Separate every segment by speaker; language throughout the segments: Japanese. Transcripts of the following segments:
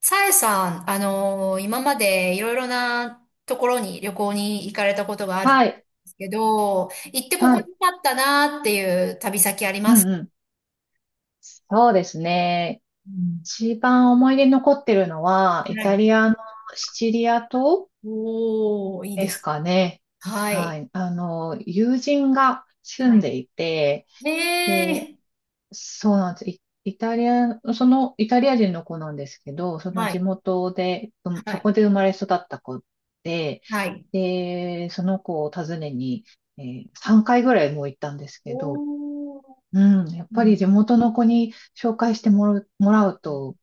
Speaker 1: さえさん、今までいろいろなところに旅行に行かれたことがあるんで
Speaker 2: はい。
Speaker 1: すけど、行ってこ
Speaker 2: は
Speaker 1: こに
Speaker 2: い。
Speaker 1: あったなっていう旅先あり
Speaker 2: う
Speaker 1: ます
Speaker 2: ん
Speaker 1: か？
Speaker 2: うん。そうですね。
Speaker 1: うん。
Speaker 2: 一番思い出に残ってるのは、イ
Speaker 1: は
Speaker 2: タ
Speaker 1: い。
Speaker 2: リアのシチリア島
Speaker 1: おー、いい
Speaker 2: で
Speaker 1: で
Speaker 2: す
Speaker 1: す。
Speaker 2: かね。
Speaker 1: は
Speaker 2: は
Speaker 1: い。
Speaker 2: い。友人が住ん
Speaker 1: は
Speaker 2: でいて、
Speaker 1: い。
Speaker 2: で、
Speaker 1: ええ。
Speaker 2: そうなんです。イイタリア、そのイタリア人の子なんですけど、その
Speaker 1: は
Speaker 2: 地
Speaker 1: い。
Speaker 2: 元で、うん
Speaker 1: は
Speaker 2: そこ
Speaker 1: い。
Speaker 2: で生まれ育った子で、
Speaker 1: はい。
Speaker 2: で、その子を訪ねに、え3回ぐらいもう行ったんですけど、
Speaker 1: おー。
Speaker 2: うん、やっ
Speaker 1: う
Speaker 2: ぱり
Speaker 1: ん。
Speaker 2: 地元の子に紹介してもらう、も
Speaker 1: あ、
Speaker 2: らうと、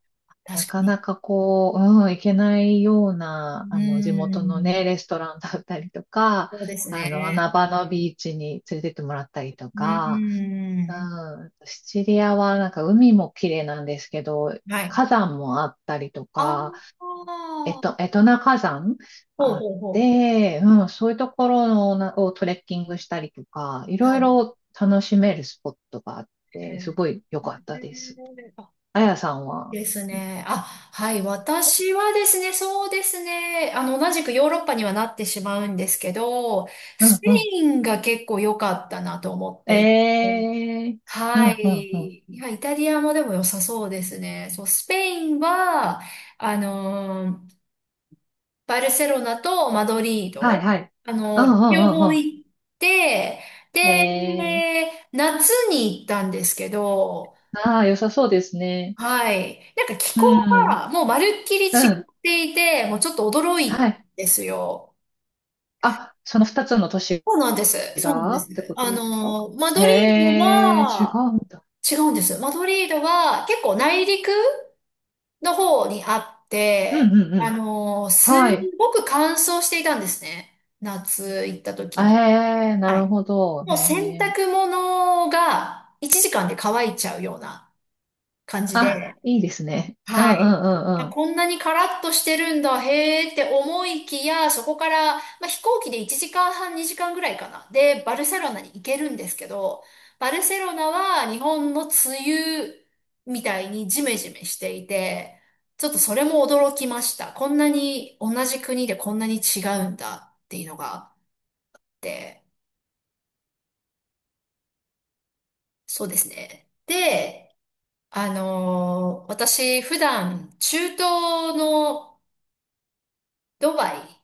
Speaker 2: な
Speaker 1: 確か
Speaker 2: か
Speaker 1: に。
Speaker 2: なかこう、うん、行けないよう
Speaker 1: う
Speaker 2: な、地
Speaker 1: ー
Speaker 2: 元の
Speaker 1: ん。
Speaker 2: ね、レストランだったりとか、
Speaker 1: そうですね。
Speaker 2: 穴場のビーチに連れてってもらったりと
Speaker 1: う
Speaker 2: か、
Speaker 1: ー
Speaker 2: う
Speaker 1: ん。
Speaker 2: ん、シチリアはなんか海も綺麗なんですけど、
Speaker 1: はい。
Speaker 2: 火山もあったりと
Speaker 1: あ
Speaker 2: か、
Speaker 1: あ。
Speaker 2: エトナ火山
Speaker 1: ほう
Speaker 2: があっ
Speaker 1: ほうほ
Speaker 2: て、うん、そういうところのなをトレッキングしたりとか、い
Speaker 1: う。
Speaker 2: ろ
Speaker 1: は
Speaker 2: い
Speaker 1: い。
Speaker 2: ろ楽しめるスポットがあっ
Speaker 1: へ
Speaker 2: て、す
Speaker 1: え。
Speaker 2: ごい良かったです。
Speaker 1: あ、
Speaker 2: あやさんは。
Speaker 1: ですね。あ、はい。私はですね、そうですね。同じくヨーロッパにはなってしまうんですけど、
Speaker 2: う
Speaker 1: ス
Speaker 2: ん
Speaker 1: ペ
Speaker 2: う
Speaker 1: インが結構良かったなと思っ
Speaker 2: ん。
Speaker 1: ていて。
Speaker 2: えー、う
Speaker 1: は
Speaker 2: んうんうん。
Speaker 1: い。いや、イタリアもでも良さそうですね。そう、スペインは、あのーバルセロナとマドリー
Speaker 2: はい
Speaker 1: ド、
Speaker 2: はい。うんう
Speaker 1: 両
Speaker 2: ん
Speaker 1: 方
Speaker 2: うん
Speaker 1: 行って、
Speaker 2: うん。
Speaker 1: で、
Speaker 2: え
Speaker 1: 夏に行ったんですけど、
Speaker 2: ー、ああ、良さそうですね。
Speaker 1: はい。なんか気
Speaker 2: う
Speaker 1: 候
Speaker 2: ん、
Speaker 1: がもうまるっきり
Speaker 2: う
Speaker 1: 違っ
Speaker 2: ん、
Speaker 1: ていて、もうちょっと驚い
Speaker 2: は
Speaker 1: たん
Speaker 2: い。
Speaker 1: ですよ。
Speaker 2: あ、その二つの都市
Speaker 1: そうなんです。そうなん
Speaker 2: が
Speaker 1: で
Speaker 2: って
Speaker 1: す。
Speaker 2: ことですか。
Speaker 1: マ
Speaker 2: へ
Speaker 1: ドリード
Speaker 2: え、違
Speaker 1: は、
Speaker 2: うんだ。
Speaker 1: 違うんです。マドリードは結構内陸の方にあっ
Speaker 2: うん
Speaker 1: て、
Speaker 2: うんうん。
Speaker 1: す
Speaker 2: はい。
Speaker 1: ごく乾燥していたんですね。夏行った
Speaker 2: え
Speaker 1: 時に。
Speaker 2: え、な
Speaker 1: は
Speaker 2: る
Speaker 1: い。
Speaker 2: ほど。
Speaker 1: も
Speaker 2: へ
Speaker 1: う洗
Speaker 2: え。
Speaker 1: 濯物が1時間で乾いちゃうような感じ
Speaker 2: あ、
Speaker 1: で。
Speaker 2: いいですね。うんう
Speaker 1: は
Speaker 2: ん
Speaker 1: い。
Speaker 2: う
Speaker 1: あ、
Speaker 2: んう
Speaker 1: こんなにカラッとしてるんだ、へーって思いきや、そこから、まあ、飛行機で1時間半、2時間ぐらいかな。で、バルセロナに行けるんですけど、バルセロナは日本の梅雨みたいにジメジメしていて、ちょっとそれも驚きました。こんなに同じ国でこんなに違うんだっていうのがあって、そうですね。で、私普段中東のドバイ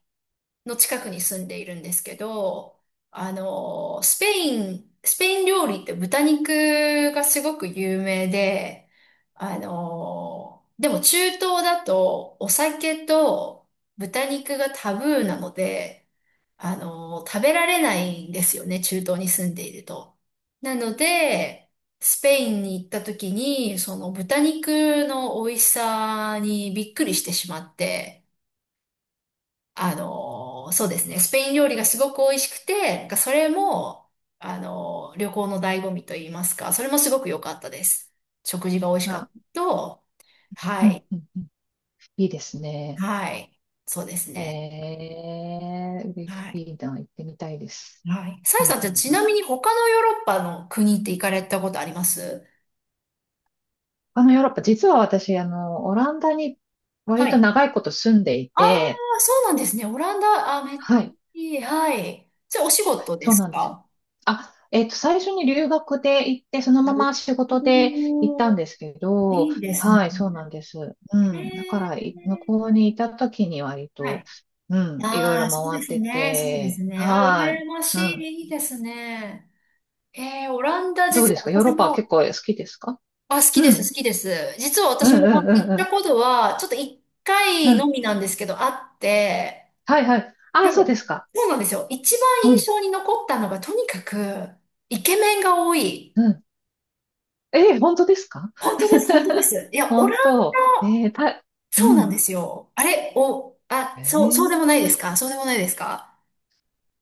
Speaker 1: の近くに住んでいるんですけど、スペイン、スペイン料理って豚肉がすごく有名で、でも中東だとお酒と豚肉がタブーなので、食べられないんですよね、中東に住んでいると。なので、スペインに行った時に、その豚肉の美味しさにびっくりしてしまって、そうですね、スペイン料理がすごく美味しくて、なんかそれも、旅行の醍醐味と言いますか、それもすごく良かったです。食事が美味し
Speaker 2: ん。
Speaker 1: かった
Speaker 2: あ、
Speaker 1: と、は
Speaker 2: うん
Speaker 1: い、
Speaker 2: うんうん。いいですね。
Speaker 1: はい、そうです
Speaker 2: え
Speaker 1: ね。
Speaker 2: え、嬉し
Speaker 1: はい、
Speaker 2: いな。行ってみたいです。
Speaker 1: はい。さ
Speaker 2: う
Speaker 1: えさ
Speaker 2: ん
Speaker 1: ん、じ
Speaker 2: う
Speaker 1: ゃあ
Speaker 2: ん
Speaker 1: ち
Speaker 2: うん。
Speaker 1: なみに他のヨーロッパの国って行かれたことあります
Speaker 2: ヨーロッパ、実は私、オランダに
Speaker 1: は
Speaker 2: 割
Speaker 1: い。
Speaker 2: と
Speaker 1: あ
Speaker 2: 長いこと住んでい
Speaker 1: あ、
Speaker 2: て、
Speaker 1: そうなんですね。オランダ、あ、めっちゃ
Speaker 2: はい。
Speaker 1: いい。はい。じゃあお仕事で
Speaker 2: そう
Speaker 1: す
Speaker 2: なんですよ。
Speaker 1: か？
Speaker 2: あ、最初に留学で行って、そのまま
Speaker 1: お
Speaker 2: 仕事で行っ
Speaker 1: ー。
Speaker 2: たんですけど、
Speaker 1: いいですね。
Speaker 2: はい、そうなんです。う
Speaker 1: へ
Speaker 2: ん。だから、
Speaker 1: え。
Speaker 2: 向こうにいた時に割
Speaker 1: は
Speaker 2: と、
Speaker 1: い。
Speaker 2: うん、いろい
Speaker 1: あ
Speaker 2: ろ
Speaker 1: あ、そう
Speaker 2: 回
Speaker 1: で
Speaker 2: っ
Speaker 1: す
Speaker 2: て
Speaker 1: ね。そうです
Speaker 2: て、
Speaker 1: ね。あ、
Speaker 2: はい。
Speaker 1: 羨まし
Speaker 2: うん。
Speaker 1: い。いいですね。えー、オランダ、
Speaker 2: どう
Speaker 1: 実
Speaker 2: で
Speaker 1: は
Speaker 2: すか、ヨーロ
Speaker 1: 私
Speaker 2: ッパは結
Speaker 1: も、
Speaker 2: 構好きですか。
Speaker 1: あ、好き
Speaker 2: う
Speaker 1: です、
Speaker 2: ん。
Speaker 1: 好きです。実は
Speaker 2: うんう
Speaker 1: 私もオランダ
Speaker 2: ん
Speaker 1: 行っ
Speaker 2: うん
Speaker 1: た
Speaker 2: う
Speaker 1: ことは、ちょっと一
Speaker 2: ん。う
Speaker 1: 回の
Speaker 2: ん。
Speaker 1: みなんですけど、あって、
Speaker 2: はいはい。あ、
Speaker 1: で
Speaker 2: そうで
Speaker 1: も、
Speaker 2: すか。
Speaker 1: そうなんですよ。一番
Speaker 2: う
Speaker 1: 印
Speaker 2: ん。
Speaker 1: 象に残ったのが、とにかく、イケメンが多い。
Speaker 2: うん。えー、本当ですか。
Speaker 1: 本当です、本当で す。いや、オラン、
Speaker 2: 本当。えーた、う
Speaker 1: そうなん
Speaker 2: ん。
Speaker 1: ですよ。あれ、お、あ、
Speaker 2: え
Speaker 1: そう、そうでもな
Speaker 2: ー、
Speaker 1: いですか？そうでもないですか？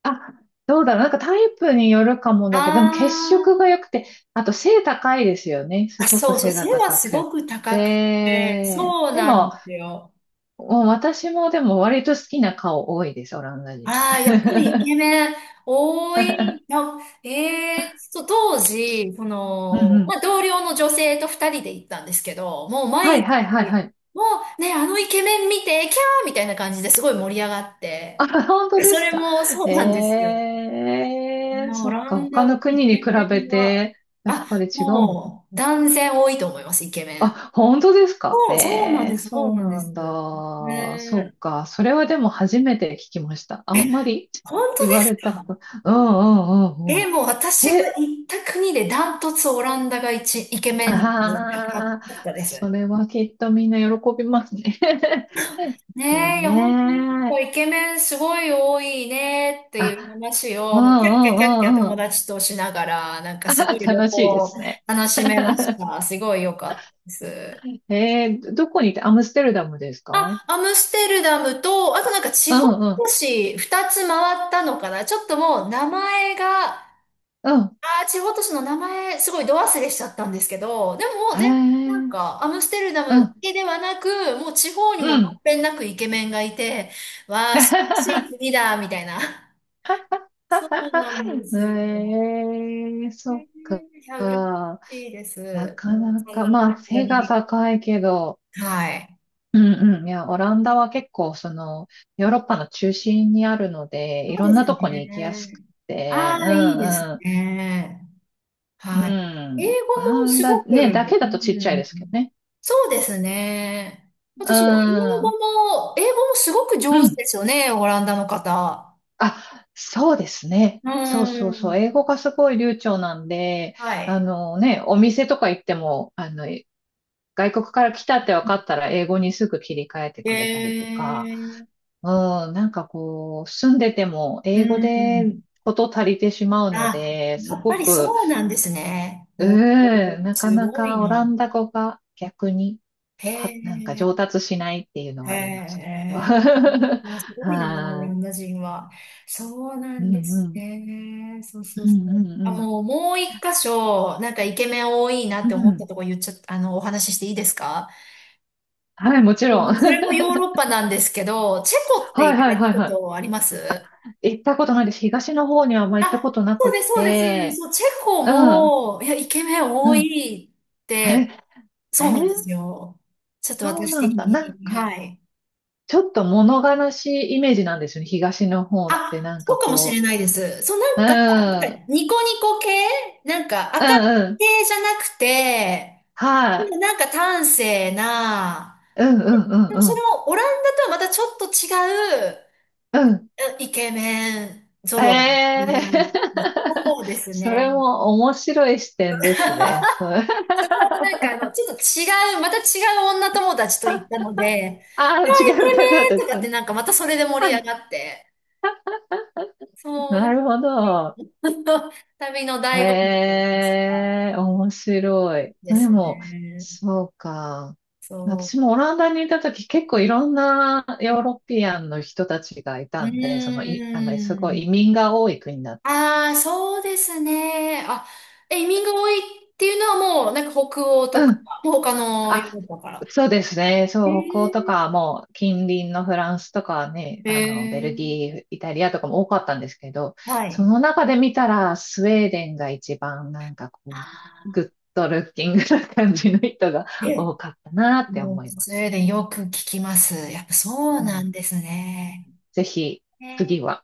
Speaker 2: あ、どうだろう。なんかタイプによるかもだけど、でも血色
Speaker 1: あ
Speaker 2: が良くて、あと背高いですよね。す
Speaker 1: あ、
Speaker 2: ごく
Speaker 1: そうそう、
Speaker 2: 背
Speaker 1: 背
Speaker 2: が
Speaker 1: は
Speaker 2: 高
Speaker 1: す
Speaker 2: くっ
Speaker 1: ごく高くて、
Speaker 2: て。
Speaker 1: そう
Speaker 2: で
Speaker 1: なん
Speaker 2: も、
Speaker 1: ですよ。
Speaker 2: もう私もでも割と好きな顔多いです、オランダ人。
Speaker 1: ああ、やっぱりイケ メン多い。な。えー、そう、当時、そ
Speaker 2: うん
Speaker 1: の、
Speaker 2: う
Speaker 1: ま
Speaker 2: ん。
Speaker 1: あ、同僚の女性と二人で行ったんですけど、もう
Speaker 2: は
Speaker 1: 毎
Speaker 2: い
Speaker 1: 日、
Speaker 2: はいはいはい。
Speaker 1: もうね、あのイケメン見て、キャーみたいな感じですごい盛り上がって、
Speaker 2: あ、本当で
Speaker 1: そ
Speaker 2: す
Speaker 1: れ
Speaker 2: か。
Speaker 1: もそうなんですよ。
Speaker 2: ええ、
Speaker 1: オ
Speaker 2: そっ
Speaker 1: ラ
Speaker 2: か、
Speaker 1: ン
Speaker 2: 他
Speaker 1: ダも
Speaker 2: の国
Speaker 1: イ
Speaker 2: に
Speaker 1: ケ
Speaker 2: 比
Speaker 1: メ
Speaker 2: べ
Speaker 1: ンが、
Speaker 2: て、やっ
Speaker 1: あ、
Speaker 2: ぱり違うのかな。
Speaker 1: もう断然多いと思います、イケメン。
Speaker 2: あ、本当ですか。
Speaker 1: そう、そうなん
Speaker 2: え
Speaker 1: で
Speaker 2: え、
Speaker 1: す、そう
Speaker 2: そう
Speaker 1: なんで
Speaker 2: な
Speaker 1: す。
Speaker 2: んだ。
Speaker 1: ね
Speaker 2: そ
Speaker 1: え。
Speaker 2: っか。それはでも初めて聞きました。あんまり
Speaker 1: 本当で
Speaker 2: 言わ
Speaker 1: す
Speaker 2: れた
Speaker 1: か？
Speaker 2: こと。うんうんうんう
Speaker 1: え、
Speaker 2: ん。
Speaker 1: もう私が
Speaker 2: せ、
Speaker 1: 行った国でダントツオランダが一、イケメンで高か
Speaker 2: ああ、
Speaker 1: ったで
Speaker 2: そ
Speaker 1: す。
Speaker 2: れはきっとみんな喜びますね。いい
Speaker 1: ねえ、いや、本当になんか
Speaker 2: ね。
Speaker 1: イケメンすごい多いねっていう
Speaker 2: あ、
Speaker 1: 話
Speaker 2: うん
Speaker 1: を、もうキャッキャ
Speaker 2: う
Speaker 1: キャッキャ
Speaker 2: んうん
Speaker 1: 友
Speaker 2: うん。
Speaker 1: 達としながら、なん か
Speaker 2: あ、
Speaker 1: すごい旅
Speaker 2: 楽しいで
Speaker 1: 行
Speaker 2: すね。
Speaker 1: 楽しめまし た。すごい良かったです。
Speaker 2: ええ、どこにいて、アムステルダムですか。うん
Speaker 1: あ、アムステルダムと、あとなんか地
Speaker 2: う
Speaker 1: 方都
Speaker 2: ん
Speaker 1: 市二つ回ったのかな。ちょっともう名前が、
Speaker 2: うん。
Speaker 1: あー、地方都市の名前、すごいど忘れしちゃったんですけど、でももう
Speaker 2: へえ、
Speaker 1: 全然な
Speaker 2: う
Speaker 1: ん
Speaker 2: ん、
Speaker 1: か、アムステルダムだけではなく、もう地方に
Speaker 2: う
Speaker 1: もまん
Speaker 2: ん。
Speaker 1: べんなくイケメンがいて、わあ、素晴らしい 国だ、みたいな。そうなんで すよ。
Speaker 2: ええ、
Speaker 1: へ
Speaker 2: そっか。
Speaker 1: え。いや、羨ましいで
Speaker 2: な
Speaker 1: す。
Speaker 2: か
Speaker 1: もう
Speaker 2: な
Speaker 1: そん
Speaker 2: か、
Speaker 1: な感
Speaker 2: まあ、
Speaker 1: じ
Speaker 2: 背が
Speaker 1: に。
Speaker 2: 高いけど、
Speaker 1: はい。
Speaker 2: うんうん。いや、オランダは結構、その、ヨーロッパの中心にあるので、
Speaker 1: そ
Speaker 2: い
Speaker 1: う
Speaker 2: ろ
Speaker 1: で
Speaker 2: んな
Speaker 1: す
Speaker 2: とこに行きやす
Speaker 1: ね。
Speaker 2: く
Speaker 1: あ
Speaker 2: て、うん
Speaker 1: あ、いいです
Speaker 2: う
Speaker 1: ね。
Speaker 2: ん。
Speaker 1: はい。
Speaker 2: うん。
Speaker 1: 英語
Speaker 2: オラ
Speaker 1: も
Speaker 2: ン
Speaker 1: す
Speaker 2: ダ
Speaker 1: ごく、
Speaker 2: ね、
Speaker 1: うん。
Speaker 2: だけだとちっちゃいですけどね。
Speaker 1: そうですね。あ
Speaker 2: う
Speaker 1: とそう、英語
Speaker 2: ん。
Speaker 1: も、英語もすごく
Speaker 2: う
Speaker 1: 上手
Speaker 2: ん。
Speaker 1: ですよね、オランダの方。
Speaker 2: あ、そうですね。
Speaker 1: う
Speaker 2: そうそうそ
Speaker 1: ん。
Speaker 2: う。英語がすごい流暢なんで、
Speaker 1: は
Speaker 2: あ
Speaker 1: い。
Speaker 2: のね、お店とか行っても、外国から来たって分かったら英語にすぐ切り替えて
Speaker 1: へ
Speaker 2: くれたりとか、
Speaker 1: え。
Speaker 2: うん、なんかこう、住んでても
Speaker 1: う
Speaker 2: 英語で
Speaker 1: ん。
Speaker 2: こと足りてしまうの
Speaker 1: あ、
Speaker 2: で、
Speaker 1: や
Speaker 2: す
Speaker 1: っぱ
Speaker 2: ご
Speaker 1: り
Speaker 2: く、
Speaker 1: そうなんですね。
Speaker 2: う
Speaker 1: おー、
Speaker 2: ん、なか
Speaker 1: す
Speaker 2: な
Speaker 1: ごい
Speaker 2: かオラ
Speaker 1: ね。
Speaker 2: ンダ語が逆に、
Speaker 1: へ
Speaker 2: なんか上
Speaker 1: え。
Speaker 2: 達しないっていうの
Speaker 1: へ
Speaker 2: がありましたけど。
Speaker 1: え。いや、すごいな、オラ
Speaker 2: は
Speaker 1: ンダ人は。そうな
Speaker 2: い。う
Speaker 1: ん
Speaker 2: ん
Speaker 1: で
Speaker 2: う
Speaker 1: す
Speaker 2: ん。
Speaker 1: ね。そうそう
Speaker 2: う
Speaker 1: そ
Speaker 2: んう
Speaker 1: う。あ、
Speaker 2: んう
Speaker 1: もう、もう一箇所、なんかイケメン多いなっ
Speaker 2: ん。う
Speaker 1: て思った
Speaker 2: ん。
Speaker 1: とこ言っちゃった、お話ししていいですか？
Speaker 2: はい、もち
Speaker 1: も
Speaker 2: ろん。
Speaker 1: うそ れもヨーロッパなんですけど、チェコって
Speaker 2: はい
Speaker 1: 行
Speaker 2: は
Speaker 1: か
Speaker 2: い
Speaker 1: れ
Speaker 2: は
Speaker 1: た
Speaker 2: い
Speaker 1: こ
Speaker 2: は
Speaker 1: とあります
Speaker 2: い。行ったことないです。東の方にはあんま行ったこ
Speaker 1: あ、
Speaker 2: とな
Speaker 1: そ
Speaker 2: く
Speaker 1: うです、
Speaker 2: っ
Speaker 1: そうです。
Speaker 2: て、
Speaker 1: そう、チェコ
Speaker 2: うん、
Speaker 1: も、いや、イケメン多
Speaker 2: うん。
Speaker 1: いっ
Speaker 2: え、
Speaker 1: て、
Speaker 2: え
Speaker 1: そうなんで
Speaker 2: ー、
Speaker 1: すよ。ちょっと
Speaker 2: そう
Speaker 1: 私
Speaker 2: なん
Speaker 1: 的
Speaker 2: だ。なん
Speaker 1: に。
Speaker 2: か、
Speaker 1: はい。
Speaker 2: ちょっと物悲しいイメージなんですよね。東の方って
Speaker 1: あ、
Speaker 2: なん
Speaker 1: そ
Speaker 2: か
Speaker 1: うかもしれ
Speaker 2: こ
Speaker 1: ないです。そう、な
Speaker 2: う、
Speaker 1: ん
Speaker 2: うん、
Speaker 1: か、なんか
Speaker 2: うん、
Speaker 1: ニコニコ系なんか、明る
Speaker 2: う
Speaker 1: い
Speaker 2: ん、
Speaker 1: 系じゃなくて、
Speaker 2: は
Speaker 1: で
Speaker 2: い、
Speaker 1: もなんか端正な、
Speaker 2: うん、うん、う
Speaker 1: でも
Speaker 2: ん、う
Speaker 1: それ
Speaker 2: ん、
Speaker 1: もオランダとはまたちょっと違う、
Speaker 2: うん。
Speaker 1: えイケメン
Speaker 2: え
Speaker 1: 揃い
Speaker 2: え
Speaker 1: だな。
Speaker 2: ー、
Speaker 1: そうです
Speaker 2: それ
Speaker 1: ね。
Speaker 2: も面白い視点ですね。それ、
Speaker 1: そこもなんかあの、ちょっと違う、また違う女友達と行ったので、
Speaker 2: あ
Speaker 1: あ
Speaker 2: あー、違
Speaker 1: イケ
Speaker 2: う方だ
Speaker 1: メンと
Speaker 2: っ
Speaker 1: か
Speaker 2: た。
Speaker 1: ってなんかまたそれで盛り上
Speaker 2: あ、
Speaker 1: がって、そう、な
Speaker 2: な
Speaker 1: ん
Speaker 2: る
Speaker 1: か、
Speaker 2: ほど。
Speaker 1: 旅の 旅の醍醐味って言い
Speaker 2: へ
Speaker 1: ますか。
Speaker 2: え、面白い。
Speaker 1: で
Speaker 2: で
Speaker 1: す
Speaker 2: も、
Speaker 1: ね。
Speaker 2: そうか。私
Speaker 1: そ
Speaker 2: もオランダにいた時結構いろんなヨー
Speaker 1: う。
Speaker 2: ロピアンの人たちがい
Speaker 1: う
Speaker 2: たんで、そのい、あの、す
Speaker 1: ー
Speaker 2: ごい
Speaker 1: ん。
Speaker 2: 移民が多い国だっ
Speaker 1: ああ、そうですね。あ、移民が多いっていうのはもう、なんか北欧とか、
Speaker 2: た。
Speaker 1: もう他のヨー
Speaker 2: あ、
Speaker 1: ロッパから。
Speaker 2: そうですね。
Speaker 1: え
Speaker 2: そう、北欧と
Speaker 1: ー、
Speaker 2: かもう近隣のフランスとかね、
Speaker 1: え
Speaker 2: ベル
Speaker 1: ー、
Speaker 2: ギー、イタリアとかも多かったんですけど、
Speaker 1: は
Speaker 2: そ
Speaker 1: い。
Speaker 2: の中で見たらスウェーデンが一番なんかこう、グッドルッキングな感じの人が
Speaker 1: え、
Speaker 2: 多かったなって
Speaker 1: も
Speaker 2: 思
Speaker 1: う、
Speaker 2: いま
Speaker 1: スウェ
Speaker 2: す。
Speaker 1: ーデンよく聞きます。やっぱそう
Speaker 2: う
Speaker 1: なん
Speaker 2: ん、
Speaker 1: ですね。
Speaker 2: ぜひ、
Speaker 1: ね。
Speaker 2: 次は。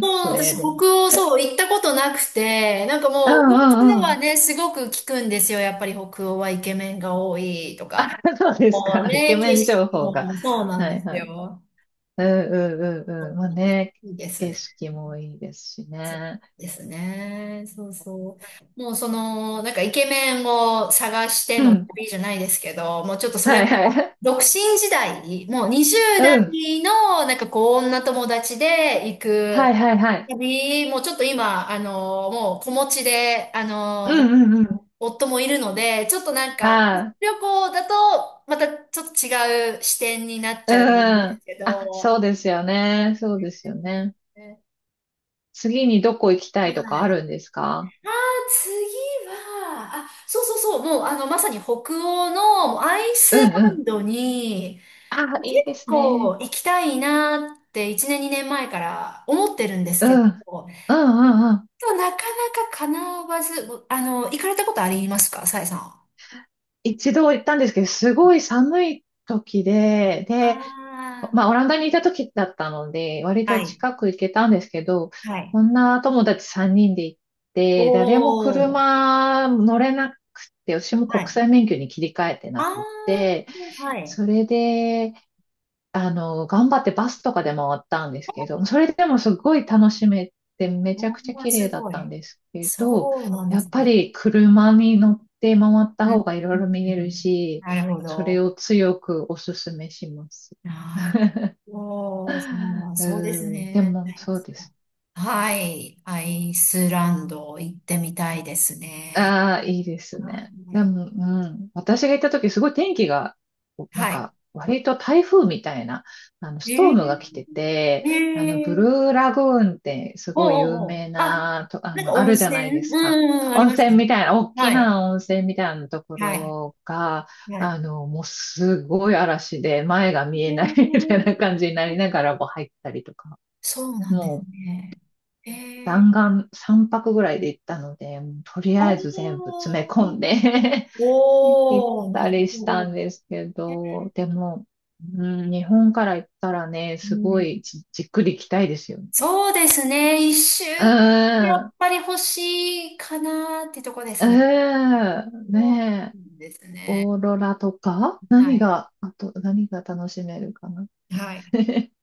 Speaker 1: も う
Speaker 2: スウ
Speaker 1: 私、
Speaker 2: ェーデ
Speaker 1: 北
Speaker 2: ン。
Speaker 1: 欧、そう、行ったことなくて、なんか
Speaker 2: うん
Speaker 1: もう、
Speaker 2: う
Speaker 1: 噂
Speaker 2: ん
Speaker 1: で
Speaker 2: う
Speaker 1: は
Speaker 2: ん。
Speaker 1: ね、すごく聞くんですよ。やっぱり北欧はイケメンが多いとか、
Speaker 2: そうです
Speaker 1: もう
Speaker 2: か。イケ
Speaker 1: ね、
Speaker 2: メ
Speaker 1: 景
Speaker 2: ン情
Speaker 1: 色
Speaker 2: 報が。
Speaker 1: もそうなん
Speaker 2: は
Speaker 1: で
Speaker 2: い
Speaker 1: す
Speaker 2: はい。
Speaker 1: よ。
Speaker 2: うんうんうんうん。
Speaker 1: そ
Speaker 2: ま
Speaker 1: う
Speaker 2: あ
Speaker 1: なんです。
Speaker 2: ね、
Speaker 1: いいです
Speaker 2: 景
Speaker 1: ね。
Speaker 2: 色もいいですし
Speaker 1: そう
Speaker 2: ね。
Speaker 1: ですね。そうそう。もうその、なんかイケメンを探して
Speaker 2: う
Speaker 1: の
Speaker 2: ん。
Speaker 1: 旅じゃないですけど、もうちょっとそれ
Speaker 2: はいは
Speaker 1: も、
Speaker 2: い。
Speaker 1: 独身時代、もう20
Speaker 2: うん。
Speaker 1: 代の、なんかこう、女友達で行
Speaker 2: はい
Speaker 1: く
Speaker 2: はいはい。
Speaker 1: 旅、もうちょっと今、もう子持ちで、
Speaker 2: うんうんうん。
Speaker 1: 夫もいるので、ちょっとなんか、
Speaker 2: は
Speaker 1: 旅行だと、またちょっと違う視点になっ
Speaker 2: い。う
Speaker 1: ちゃうんで
Speaker 2: ん。
Speaker 1: すけ
Speaker 2: あ、そ
Speaker 1: ど、
Speaker 2: うですよね。
Speaker 1: そう
Speaker 2: そう
Speaker 1: で
Speaker 2: です
Speaker 1: す
Speaker 2: よ
Speaker 1: よね。
Speaker 2: ね。次にどこ行きたいとか
Speaker 1: は
Speaker 2: あ
Speaker 1: い。
Speaker 2: るんですか。
Speaker 1: ああ、次は、あ、そうそうそう、もう、まさに北欧のアイス
Speaker 2: うんう
Speaker 1: ラン
Speaker 2: ん。
Speaker 1: ドに、
Speaker 2: あ、
Speaker 1: 結
Speaker 2: いいですね。
Speaker 1: 構行きたいなって1年、2年前から思ってるんです
Speaker 2: うん。
Speaker 1: け
Speaker 2: うん
Speaker 1: ど、
Speaker 2: うんうん。
Speaker 1: でもなかなか叶わず、行かれたことありますか、さえさんは。
Speaker 2: 一度行ったんですけど、すごい寒い時で、で、
Speaker 1: ああ
Speaker 2: まあ、オランダにいた時だったので、割
Speaker 1: ー、は
Speaker 2: と
Speaker 1: い。
Speaker 2: 近く行けたんですけど、
Speaker 1: はい。
Speaker 2: 女友達3人で行っ
Speaker 1: お
Speaker 2: て、誰も
Speaker 1: お、
Speaker 2: 車乗れなくて、私も
Speaker 1: は
Speaker 2: 国
Speaker 1: い。
Speaker 2: 際免許に切り替えて
Speaker 1: あ
Speaker 2: なくて、
Speaker 1: あ、はい。
Speaker 2: それで、頑張ってバスとかで回ったんですけど、それでもすごい楽しめて、め
Speaker 1: お
Speaker 2: ちゃくちゃ
Speaker 1: ー、
Speaker 2: 綺麗
Speaker 1: す
Speaker 2: だっ
Speaker 1: ご
Speaker 2: た
Speaker 1: い。
Speaker 2: んですけど、
Speaker 1: そうなんで
Speaker 2: やっ
Speaker 1: す
Speaker 2: ぱ
Speaker 1: ね。
Speaker 2: り車に乗って回った
Speaker 1: うん、
Speaker 2: 方がいろ
Speaker 1: う
Speaker 2: いろ
Speaker 1: ん
Speaker 2: 見え
Speaker 1: うんう
Speaker 2: る
Speaker 1: ん。
Speaker 2: し、
Speaker 1: なるほ
Speaker 2: それ
Speaker 1: ど。
Speaker 2: を強くお勧めします。
Speaker 1: なるほど。ま あ
Speaker 2: う
Speaker 1: そうです
Speaker 2: ん、で
Speaker 1: ね。
Speaker 2: もそうです。
Speaker 1: はい。アイスランド行ってみたいですね。
Speaker 2: ああ、いいです
Speaker 1: は
Speaker 2: ね。で
Speaker 1: い。
Speaker 2: も、うん、私が行った時、すごい天気が、なん
Speaker 1: は
Speaker 2: か、割と台風みたいな、
Speaker 1: い。
Speaker 2: ストー
Speaker 1: え
Speaker 2: ムが来てて、
Speaker 1: ー、え
Speaker 2: ブル
Speaker 1: ー、
Speaker 2: ーラグーンってす
Speaker 1: ほう
Speaker 2: ごい
Speaker 1: ほう
Speaker 2: 有
Speaker 1: ほう。
Speaker 2: 名
Speaker 1: あ、
Speaker 2: な、と、あ
Speaker 1: なんか
Speaker 2: の、あ
Speaker 1: 温
Speaker 2: るじゃ
Speaker 1: 泉。
Speaker 2: ないで
Speaker 1: う
Speaker 2: すか。
Speaker 1: ん、うんあり
Speaker 2: 温
Speaker 1: ます
Speaker 2: 泉
Speaker 1: ね。
Speaker 2: みたいな、大き
Speaker 1: はい。
Speaker 2: な温泉みたいなとこ
Speaker 1: はい。
Speaker 2: ろが、
Speaker 1: はい。
Speaker 2: もうすごい嵐で前が見
Speaker 1: え
Speaker 2: えない みたい
Speaker 1: ー。
Speaker 2: な感じになりながらも入ったりとか。
Speaker 1: そうなんで
Speaker 2: も
Speaker 1: す
Speaker 2: う
Speaker 1: ね。えー、
Speaker 2: 弾丸3泊ぐらいで行ったので、もうとり
Speaker 1: あ
Speaker 2: あ
Speaker 1: あ、
Speaker 2: えず全部詰め込んで 行っ
Speaker 1: おー、な
Speaker 2: た
Speaker 1: る
Speaker 2: りし
Speaker 1: ほ
Speaker 2: た
Speaker 1: ど。
Speaker 2: んですけど、でも、うん、日本から行ったらね、
Speaker 1: う
Speaker 2: すご
Speaker 1: ん、
Speaker 2: いじっくり行きたいですよね。
Speaker 1: そうですね。一週
Speaker 2: う
Speaker 1: 間
Speaker 2: ー
Speaker 1: や
Speaker 2: ん、
Speaker 1: っ
Speaker 2: う
Speaker 1: ぱり欲しいかなってとこで
Speaker 2: ー
Speaker 1: すね。
Speaker 2: ん、
Speaker 1: そ
Speaker 2: ねえ、
Speaker 1: うですね。
Speaker 2: オーロラとか
Speaker 1: は
Speaker 2: 何
Speaker 1: い。
Speaker 2: が、あと何が楽しめるかな。
Speaker 1: はい。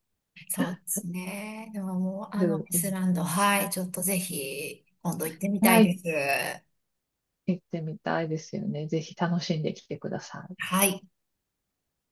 Speaker 1: そうですね。でももう、
Speaker 2: う
Speaker 1: ア
Speaker 2: ん、
Speaker 1: イ
Speaker 2: う
Speaker 1: ス
Speaker 2: ん、
Speaker 1: ランド、はい。ちょっとぜひ、今度行ってみた
Speaker 2: は
Speaker 1: い
Speaker 2: い、
Speaker 1: です。
Speaker 2: 行ってみたいですよね。ぜひ楽しんできてください。
Speaker 1: はい。